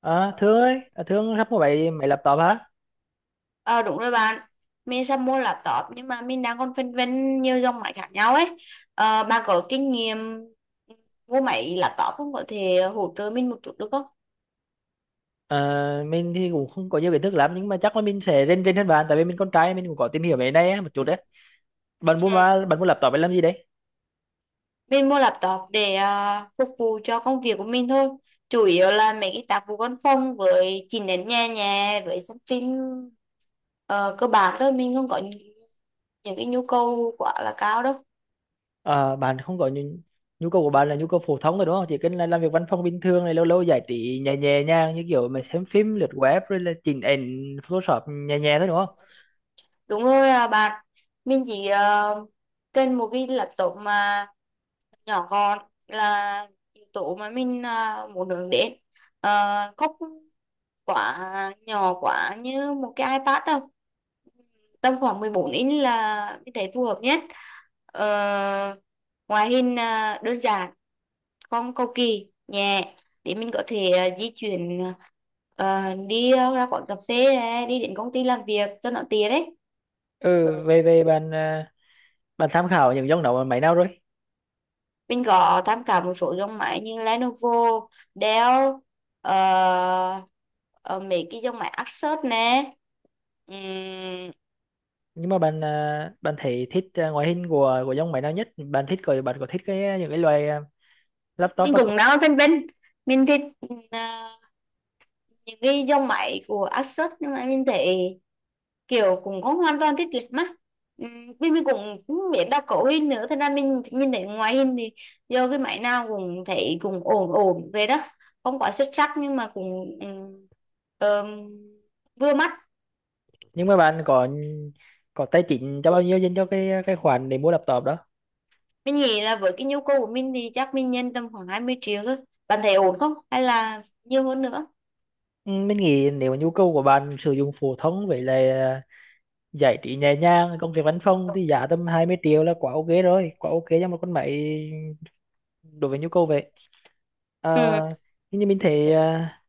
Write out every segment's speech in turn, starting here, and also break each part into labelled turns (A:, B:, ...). A: Ờ, Thương ơi, Thương sắp có 7 máy laptop hả?
B: Ờ, đúng rồi bạn. Mình sắp mua laptop nhưng mà mình đang còn phân vân nhiều dòng máy khác nhau ấy. Bạn có kinh nghiệm mua máy laptop không, có thể hỗ trợ mình một chút được không?
A: Ờ, mình thì cũng không có nhiều kiến thức lắm nhưng mà chắc là mình sẽ rên rên hơn bạn tại vì mình con trai mình cũng có tìm hiểu về cái này á, một chút đấy. Bạn
B: Ừ.
A: mua mà bạn mua laptop để làm gì đấy?
B: Mình mua laptop để phục vụ cho công việc của mình thôi, chủ yếu là mấy cái tác vụ văn phòng với chỉnh đến nhà nhà với xem phim. Ờ, Cơ bản thôi mình không có những cái nhu cầu quá là cao đâu.
A: Ờ, Bạn không có nhu, nhu cầu của bạn là nhu cầu phổ thông rồi đúng không? Chỉ cần là làm việc văn phòng bình thường này lâu lâu giải trí nhẹ nhẹ nhàng như kiểu mà xem phim lướt web rồi là chỉnh ảnh Photoshop nhẹ nhẹ thôi đúng không?
B: Đúng rồi à, bạn mình chỉ cần một cái laptop mà nhỏ gọn là yếu tố mà mình muốn hướng đến. Ờ, Không quá nhỏ quá như một cái iPad đâu, tầm khoảng 14 inch là mình thấy phù hợp nhất. Ờ, Ngoại hình đơn giản, không cầu kỳ, nhẹ, để mình có thể di chuyển, đi ra quán cà phê này, đi đến công ty làm việc cho nó tiện đấy.
A: Ừ, về về bạn bạn tham khảo những dòng đó máy nào rồi?
B: Mình có tham khảo một số dòng máy như Lenovo, Dell, ờ, ờ, mấy cái dòng máy Asus nè. Ừm,
A: Nhưng mà bạn bạn thấy thích ngoại hình của dòng máy nào nhất bạn thích có bạn có thích cái những cái loại laptop
B: mình
A: đó không?
B: cũng đang phân vân. Mình thích ờ, những cái dòng máy của Asus nhưng mà mình thấy kiểu cũng không hoàn toàn thích lịch mắt. Vì mình cũng không biết đọc cấu hình nữa, thế nên mình nhìn thấy ngoại hình thì do cái máy nào cũng thấy cũng ổn ổn về đó, không quá xuất sắc nhưng mà cũng ờm, vừa mắt.
A: Nhưng mà bạn có có tài chính cho bao nhiêu dành cho cái khoản để mua laptop đó.
B: Mình nghĩ là với cái nhu cầu của mình thì chắc mình nhân tầm khoảng 20 triệu thôi. Bạn thấy ổn không? Hay là nhiều hơn nữa?
A: Ừ, mình nghĩ nếu mà nhu cầu của bạn sử dụng phổ thông với lại giải trí nhẹ nhàng công việc văn phòng thì giá tầm 20 triệu là quá ok rồi, quá ok cho một con máy đối với nhu cầu vậy. à,
B: Ừ.
A: nhưng như mình thấy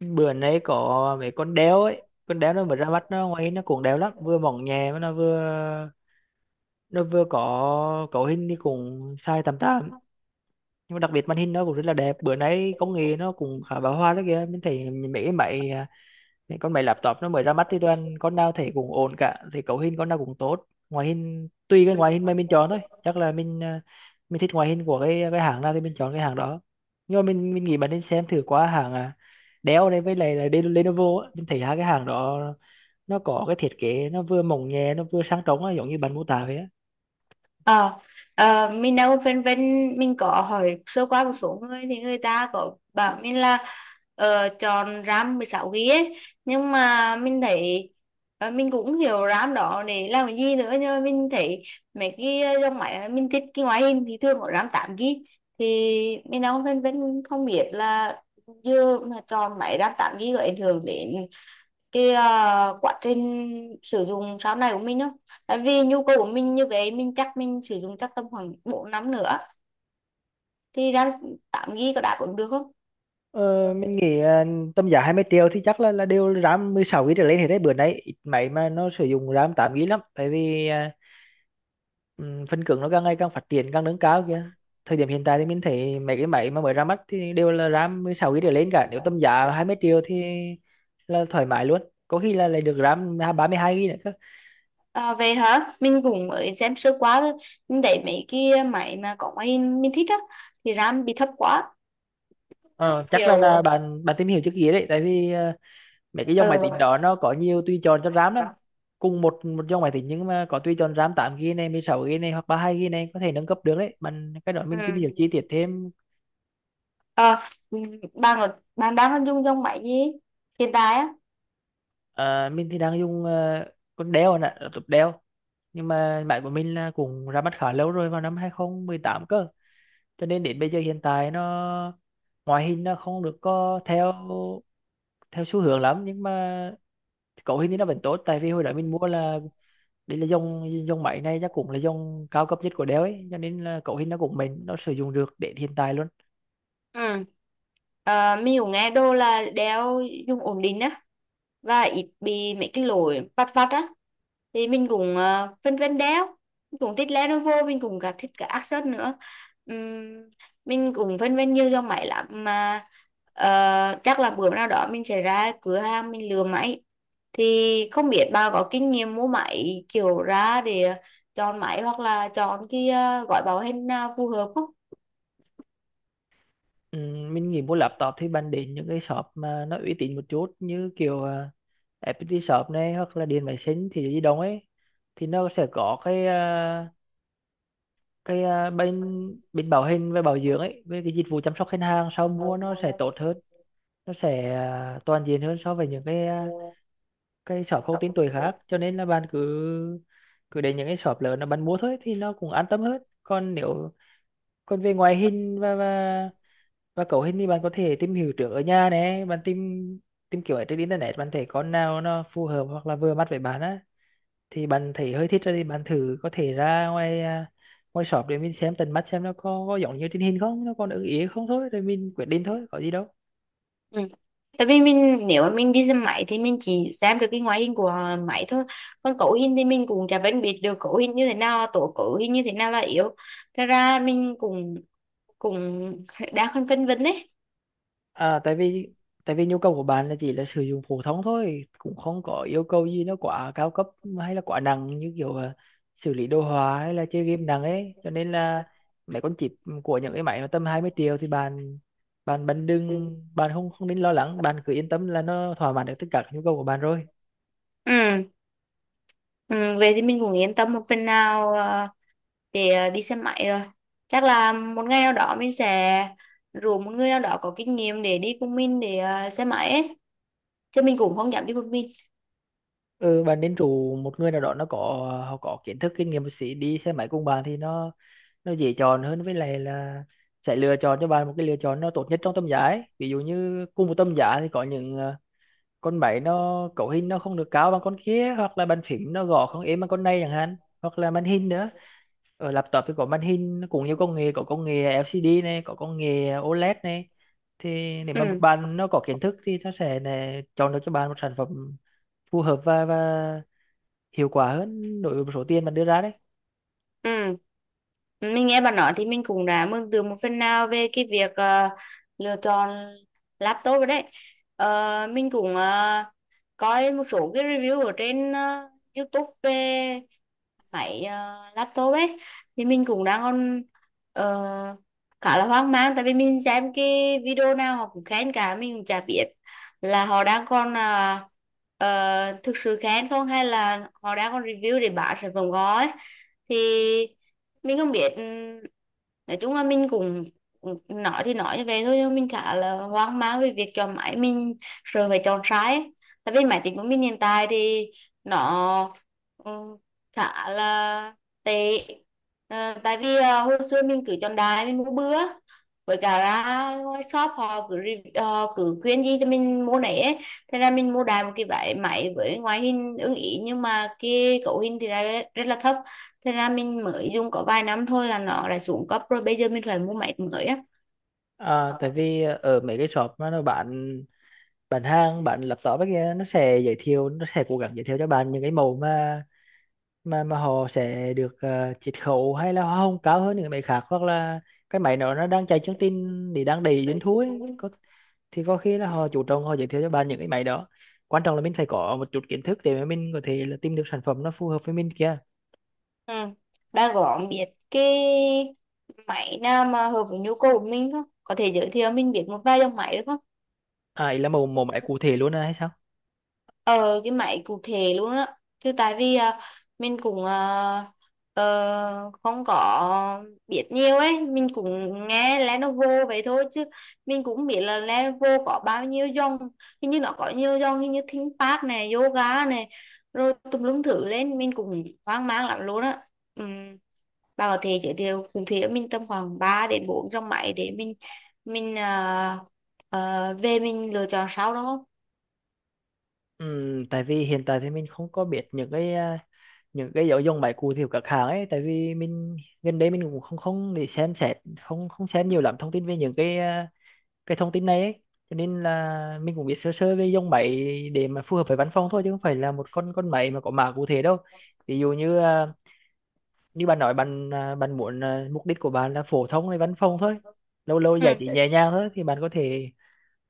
A: bữa nay có mấy con đéo ấy, con đéo nó mới ra mắt nó ngoài nó cũng đéo lắm, vừa mỏng nhẹ mà nó vừa có cấu hình thì cũng sai tầm tám, nhưng mà đặc biệt màn hình nó cũng rất là đẹp. Bữa nay công nghệ nó cũng khá bão hòa đó kìa, mình thấy mấy cái máy những con máy laptop nó mới ra mắt thì toàn con nào thấy cũng ổn cả, thì cấu hình con nào cũng tốt, ngoại hình tùy cái ngoại hình mà mình chọn thôi. Chắc là mình thích ngoại hình của cái hãng nào thì mình chọn cái hãng đó. Nhưng mà mình nghĩ bạn nên xem thử qua hãng Dell này với lại là Lenovo á. Mình thấy hai cái hãng đó nó có cái thiết kế nó vừa mỏng nhẹ nó vừa sang trống á, giống như bạn mô tả vậy á.
B: Ờ, mình đâu vân vân, mình có hỏi sơ qua một số người thì người ta có bảo mình là chọn RAM 16 GB ấy, nhưng mà mình thấy mình cũng hiểu RAM đó để làm cái gì nữa, nhưng mà mình thấy mấy cái dòng máy mà mình thích cái ngoại hình thì thường có RAM 8 GB. Thì mình đâu vân vân, không biết là giờ mà chọn máy RAM 8 GB có ảnh hưởng đến cái quá trình sử dụng sau này của mình không, tại vì nhu cầu của mình như vậy mình chắc mình sử dụng chắc tầm khoảng 4 năm nữa thì ra 8 GB có đáp ứng được không? Ừ.
A: Ờ, mình nghĩ à, Tầm giá 20 triệu thì chắc là đều RAM 16 GB trở lên hết đấy, bữa nay ít máy mà nó sử dụng RAM 8 GB lắm, tại vì phân cứng nó càng ngày càng phát triển càng nâng cao kìa. Thời điểm hiện tại thì mình thấy mấy cái máy mà mới ra mắt thì đều là RAM 16 GB trở lên cả, nếu tầm giá
B: Dạ.
A: 20 triệu thì là thoải mái luôn, có khi là lại được RAM 32 GB nữa cơ.
B: Về hả mình cũng mới xem sơ quá thôi, mình thấy mấy cái máy mà có máy hình mình thích á thì RAM bị thấp quá
A: Ờ, Chắc là
B: kiểu.
A: bạn bạn tìm hiểu trước kia đấy, tại vì mấy cái dòng máy tính
B: Ừ.
A: đó nó có nhiều tùy chọn cho RAM lắm. Cùng một một dòng máy tính nhưng mà có tùy chọn RAM 8 GB này, 16 GB này, hoặc 32 GB này, có thể nâng cấp được đấy bạn. Cái đó
B: Ừ.
A: mình tìm hiểu chi tiết thêm.
B: Ờ, bạn đang dùng dòng máy gì hiện tại
A: Mình đang dùng con Dell nè, laptop Dell, nhưng mà máy của mình là cũng ra mắt khá lâu rồi, vào năm 2018 cơ, cho nên đến bây giờ hiện tại nó ngoại hình nó không được có theo theo xu hướng lắm, nhưng mà cấu hình thì nó
B: á?
A: vẫn tốt. Tại vì hồi đó mình mua là đây là dòng dòng máy này chắc cũng là dòng cao cấp nhất của Dell ấy, cho nên là cấu hình nó cũng nó sử dụng được đến hiện tại luôn.
B: Ừ. À, mình cũng nghe đô là đeo dùng ổn định á, và ít bị mấy cái lỗi vặt vặt á, thì mình cũng phân vân đeo, mình cũng thích Lenovo, mình cũng cả thích cả Asus nữa. Ừm, mình cũng phân vân nhiều dòng máy lắm mà chắc là bữa nào đó mình sẽ ra cửa hàng mình lựa máy, thì không biết bà có kinh nghiệm mua máy kiểu ra để chọn máy hoặc là chọn cái gói bảo hành nào phù hợp
A: Ừ, mình nghĩ mua laptop thì bạn đến những cái shop mà nó uy tín một chút, như kiểu FPT shop này hoặc là Điện Máy Xanh thì gì đồng ấy, thì nó sẽ có cái à, bên bên bảo hành và bảo dưỡng ấy, với cái dịch vụ chăm sóc khách hàng sau mua nó sẽ tốt hơn, nó sẽ toàn diện hơn so với những
B: không?
A: cái shop không tên tuổi khác. Cho nên là bạn cứ cứ đến những cái shop lớn là bạn mua thôi thì nó cũng an tâm hơn. Còn nếu còn về ngoại hình và cấu hình thì bạn có thể tìm hiểu trước ở nhà này, bạn tìm tìm kiểu ở trên internet, bạn thấy con nào nó phù hợp hoặc là vừa mắt với bạn á, thì bạn thấy hơi thích rồi thì bạn thử có thể ra ngoài ngoài shop để mình xem tận mắt xem nó có giống như trên hình không, nó còn ưng ý không, thôi rồi mình quyết định thôi, có gì đâu.
B: Ừ. Tại vì mình nếu mà mình đi xem máy thì mình chỉ xem được cái ngoại hình của máy thôi, còn cấu hình thì mình cũng chả phân biệt được cấu hình như thế nào là tốt, cấu hình như thế nào là yếu. Thật ra mình cũng cũng đang còn phân vân đấy.
A: à tại vì Tại vì nhu cầu của bạn là chỉ là sử dụng phổ thông thôi, cũng không có yêu cầu gì nó quá cao cấp hay là quá nặng như kiểu xử lý đồ họa hay là chơi game nặng ấy, cho nên là mấy con chip của những cái máy mà tầm 20 triệu thì bạn bạn bạn đừng bạn không không nên lo lắng, bạn cứ yên tâm là nó thỏa mãn được tất cả các nhu cầu của bạn rồi.
B: Ừ. Ừ. Về thì mình cũng yên tâm một phần nào để đi xem máy rồi, chắc là một ngày nào đó mình sẽ rủ một người nào đó có kinh nghiệm để đi cùng mình để xem máy ấy, chứ mình cũng không dám đi một mình.
A: Ừ, bạn nên rủ một người nào đó nó có họ có kiến thức kinh nghiệm một xí đi xe máy cùng bạn thì nó dễ chọn hơn, với lại là sẽ lựa chọn cho bạn một cái lựa chọn nó tốt nhất trong tầm giá ấy. Ví dụ như cùng một tầm giá thì có những con máy nó cấu hình nó không được cao bằng con kia, hoặc là bàn phím nó gõ không êm bằng con này chẳng hạn, hoặc là màn hình nữa. Ở laptop thì có màn hình nó cũng nhiều công nghệ, có công nghệ LCD này, có công nghệ OLED này, thì nếu mà một
B: Ừ.
A: bạn nó có kiến thức thì nó sẽ chọn được cho bạn một sản phẩm phù hợp và hiệu quả hơn đối với một số tiền bạn đưa ra đấy.
B: Ừ. Mình nghe bạn nói thì mình cũng đã mường tượng một phần nào về cái việc lựa chọn laptop rồi đấy. Mình cũng coi một số cái review ở trên YouTube về máy laptop ấy, thì mình cũng đang còn ờ, khá là hoang mang, tại vì mình xem cái video nào họ cũng khen cả, mình cũng chả biết là họ đang còn thực sự khen không, hay là họ đang còn review để bán sản phẩm gói. Thì mình không biết, nói chung là mình cũng nói thì nói như vậy thôi nhưng mà mình khá là hoang mang về việc chọn máy, mình rồi phải chọn sai ấy. Tại vì máy tính của mình hiện tại thì nó ừ, khá là tệ. Tại vì hồi xưa mình cứ chọn đại mình mua bữa, với cả là ngoài shop họ cứ họ cứ khuyên gì cho mình mua nấy ấy. Thế ra mình mua đại một cái váy máy với ngoại hình ưng ý nhưng mà cái cấu hình thì ra rất, rất là thấp, thế ra mình mới dùng có vài năm thôi là nó đã xuống cấp rồi, bây giờ mình phải mua máy mới á.
A: Tại vì ở mấy cái shop mà nó bán hàng bán laptop ấy kia, nó sẽ giới thiệu, nó sẽ cố gắng giới thiệu cho bạn những cái mẫu mà họ sẽ được chiết khấu hay là hoa hồng cao hơn những cái máy khác, hoặc là cái máy đó nó đang chạy chương trình thì đang đầy doanh thu ấy thì có khi là họ chủ động họ giới thiệu cho bạn những cái máy đó. Quan trọng là mình phải có một chút kiến thức để mà mình có thể là tìm được sản phẩm nó phù hợp với mình kia.
B: Ừ. Đang có biết cái máy nào mà hợp với nhu cầu của mình không, có thể giới thiệu mình biết một vài dòng máy được không?
A: À ý là mẫu mẫu máy cụ thể luôn à hay sao?
B: Ờ cái máy cụ thể luôn á, chứ tại vì mình cũng không có biết nhiều ấy, mình cũng nghe Lenovo vậy thôi chứ mình cũng biết là Lenovo có bao nhiêu dòng, hình như nó có nhiều dòng, hình như ThinkPad này, yoga này, rồi tùm lum thử lên mình cũng hoang mang lắm luôn á. Ừm, bà có thể giới thiệu cụ thể cho mình tầm khoảng 3 đến 4 dòng máy để mình về mình lựa chọn sau đó không?
A: Tại vì hiện tại thì mình không có biết những những cái nội dung bài cụ thể của các hãng ấy, tại vì mình gần đây mình cũng không không để xem xét, không không xem nhiều lắm thông tin về những cái thông tin này ấy. Cho nên là mình cũng biết sơ sơ về dòng máy để mà phù hợp với văn phòng thôi, chứ không phải là một con máy mà có mã cụ thể đâu. Ví dụ như như bạn nói bạn muốn mục đích của bạn là phổ thông hay văn phòng thôi, lâu lâu giải trí
B: Ừ.
A: nhẹ nhàng thôi, thì bạn có thể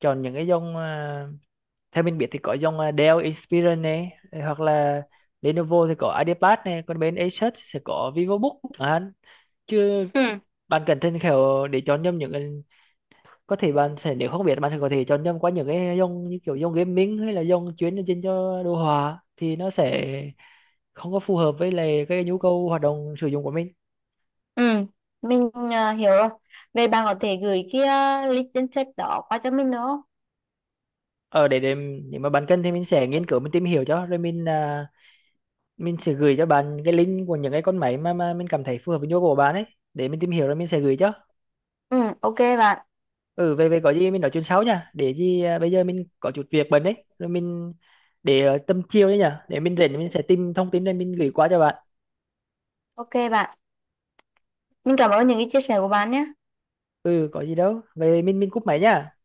A: chọn những cái dòng theo mình biết thì có dòng Dell Inspiron này, hoặc là Lenovo thì có IdeaPad này, còn bên Asus sẽ có VivoBook chẳng chứ
B: Ừ.
A: bạn cần thêm kiểu để chọn nhầm những cái, có thể bạn sẽ nếu không biết bạn sẽ có thể chọn nhầm qua những cái dòng như kiểu dòng gaming hay là dòng chuyên dành cho đồ họa, thì nó sẽ không có phù hợp với lại cái nhu cầu hoạt động sử dụng của mình.
B: Ừ, mình hiểu rồi. Vậy bạn có thể gửi cái link danh sách đó qua cho mình nữa không?
A: Ở để nếu mà bạn cần thì mình sẽ nghiên cứu mình tìm hiểu cho, rồi mình sẽ gửi cho bạn cái link của những cái con máy mà mình cảm thấy phù hợp với nhu cầu của bạn ấy, để mình tìm hiểu rồi mình sẽ gửi cho.
B: Ừ, ok bạn.
A: Ừ về về có gì mình nói chuyện sau nha, bây giờ mình có chút việc bận đấy, rồi mình để tầm chiều đấy nhá, để mình rảnh mình sẽ tìm thông tin rồi mình gửi qua cho bạn.
B: Ok bạn. Mình cảm ơn những cái chia sẻ của bạn nhé.
A: Ừ có gì đâu, về mình cúp máy nha.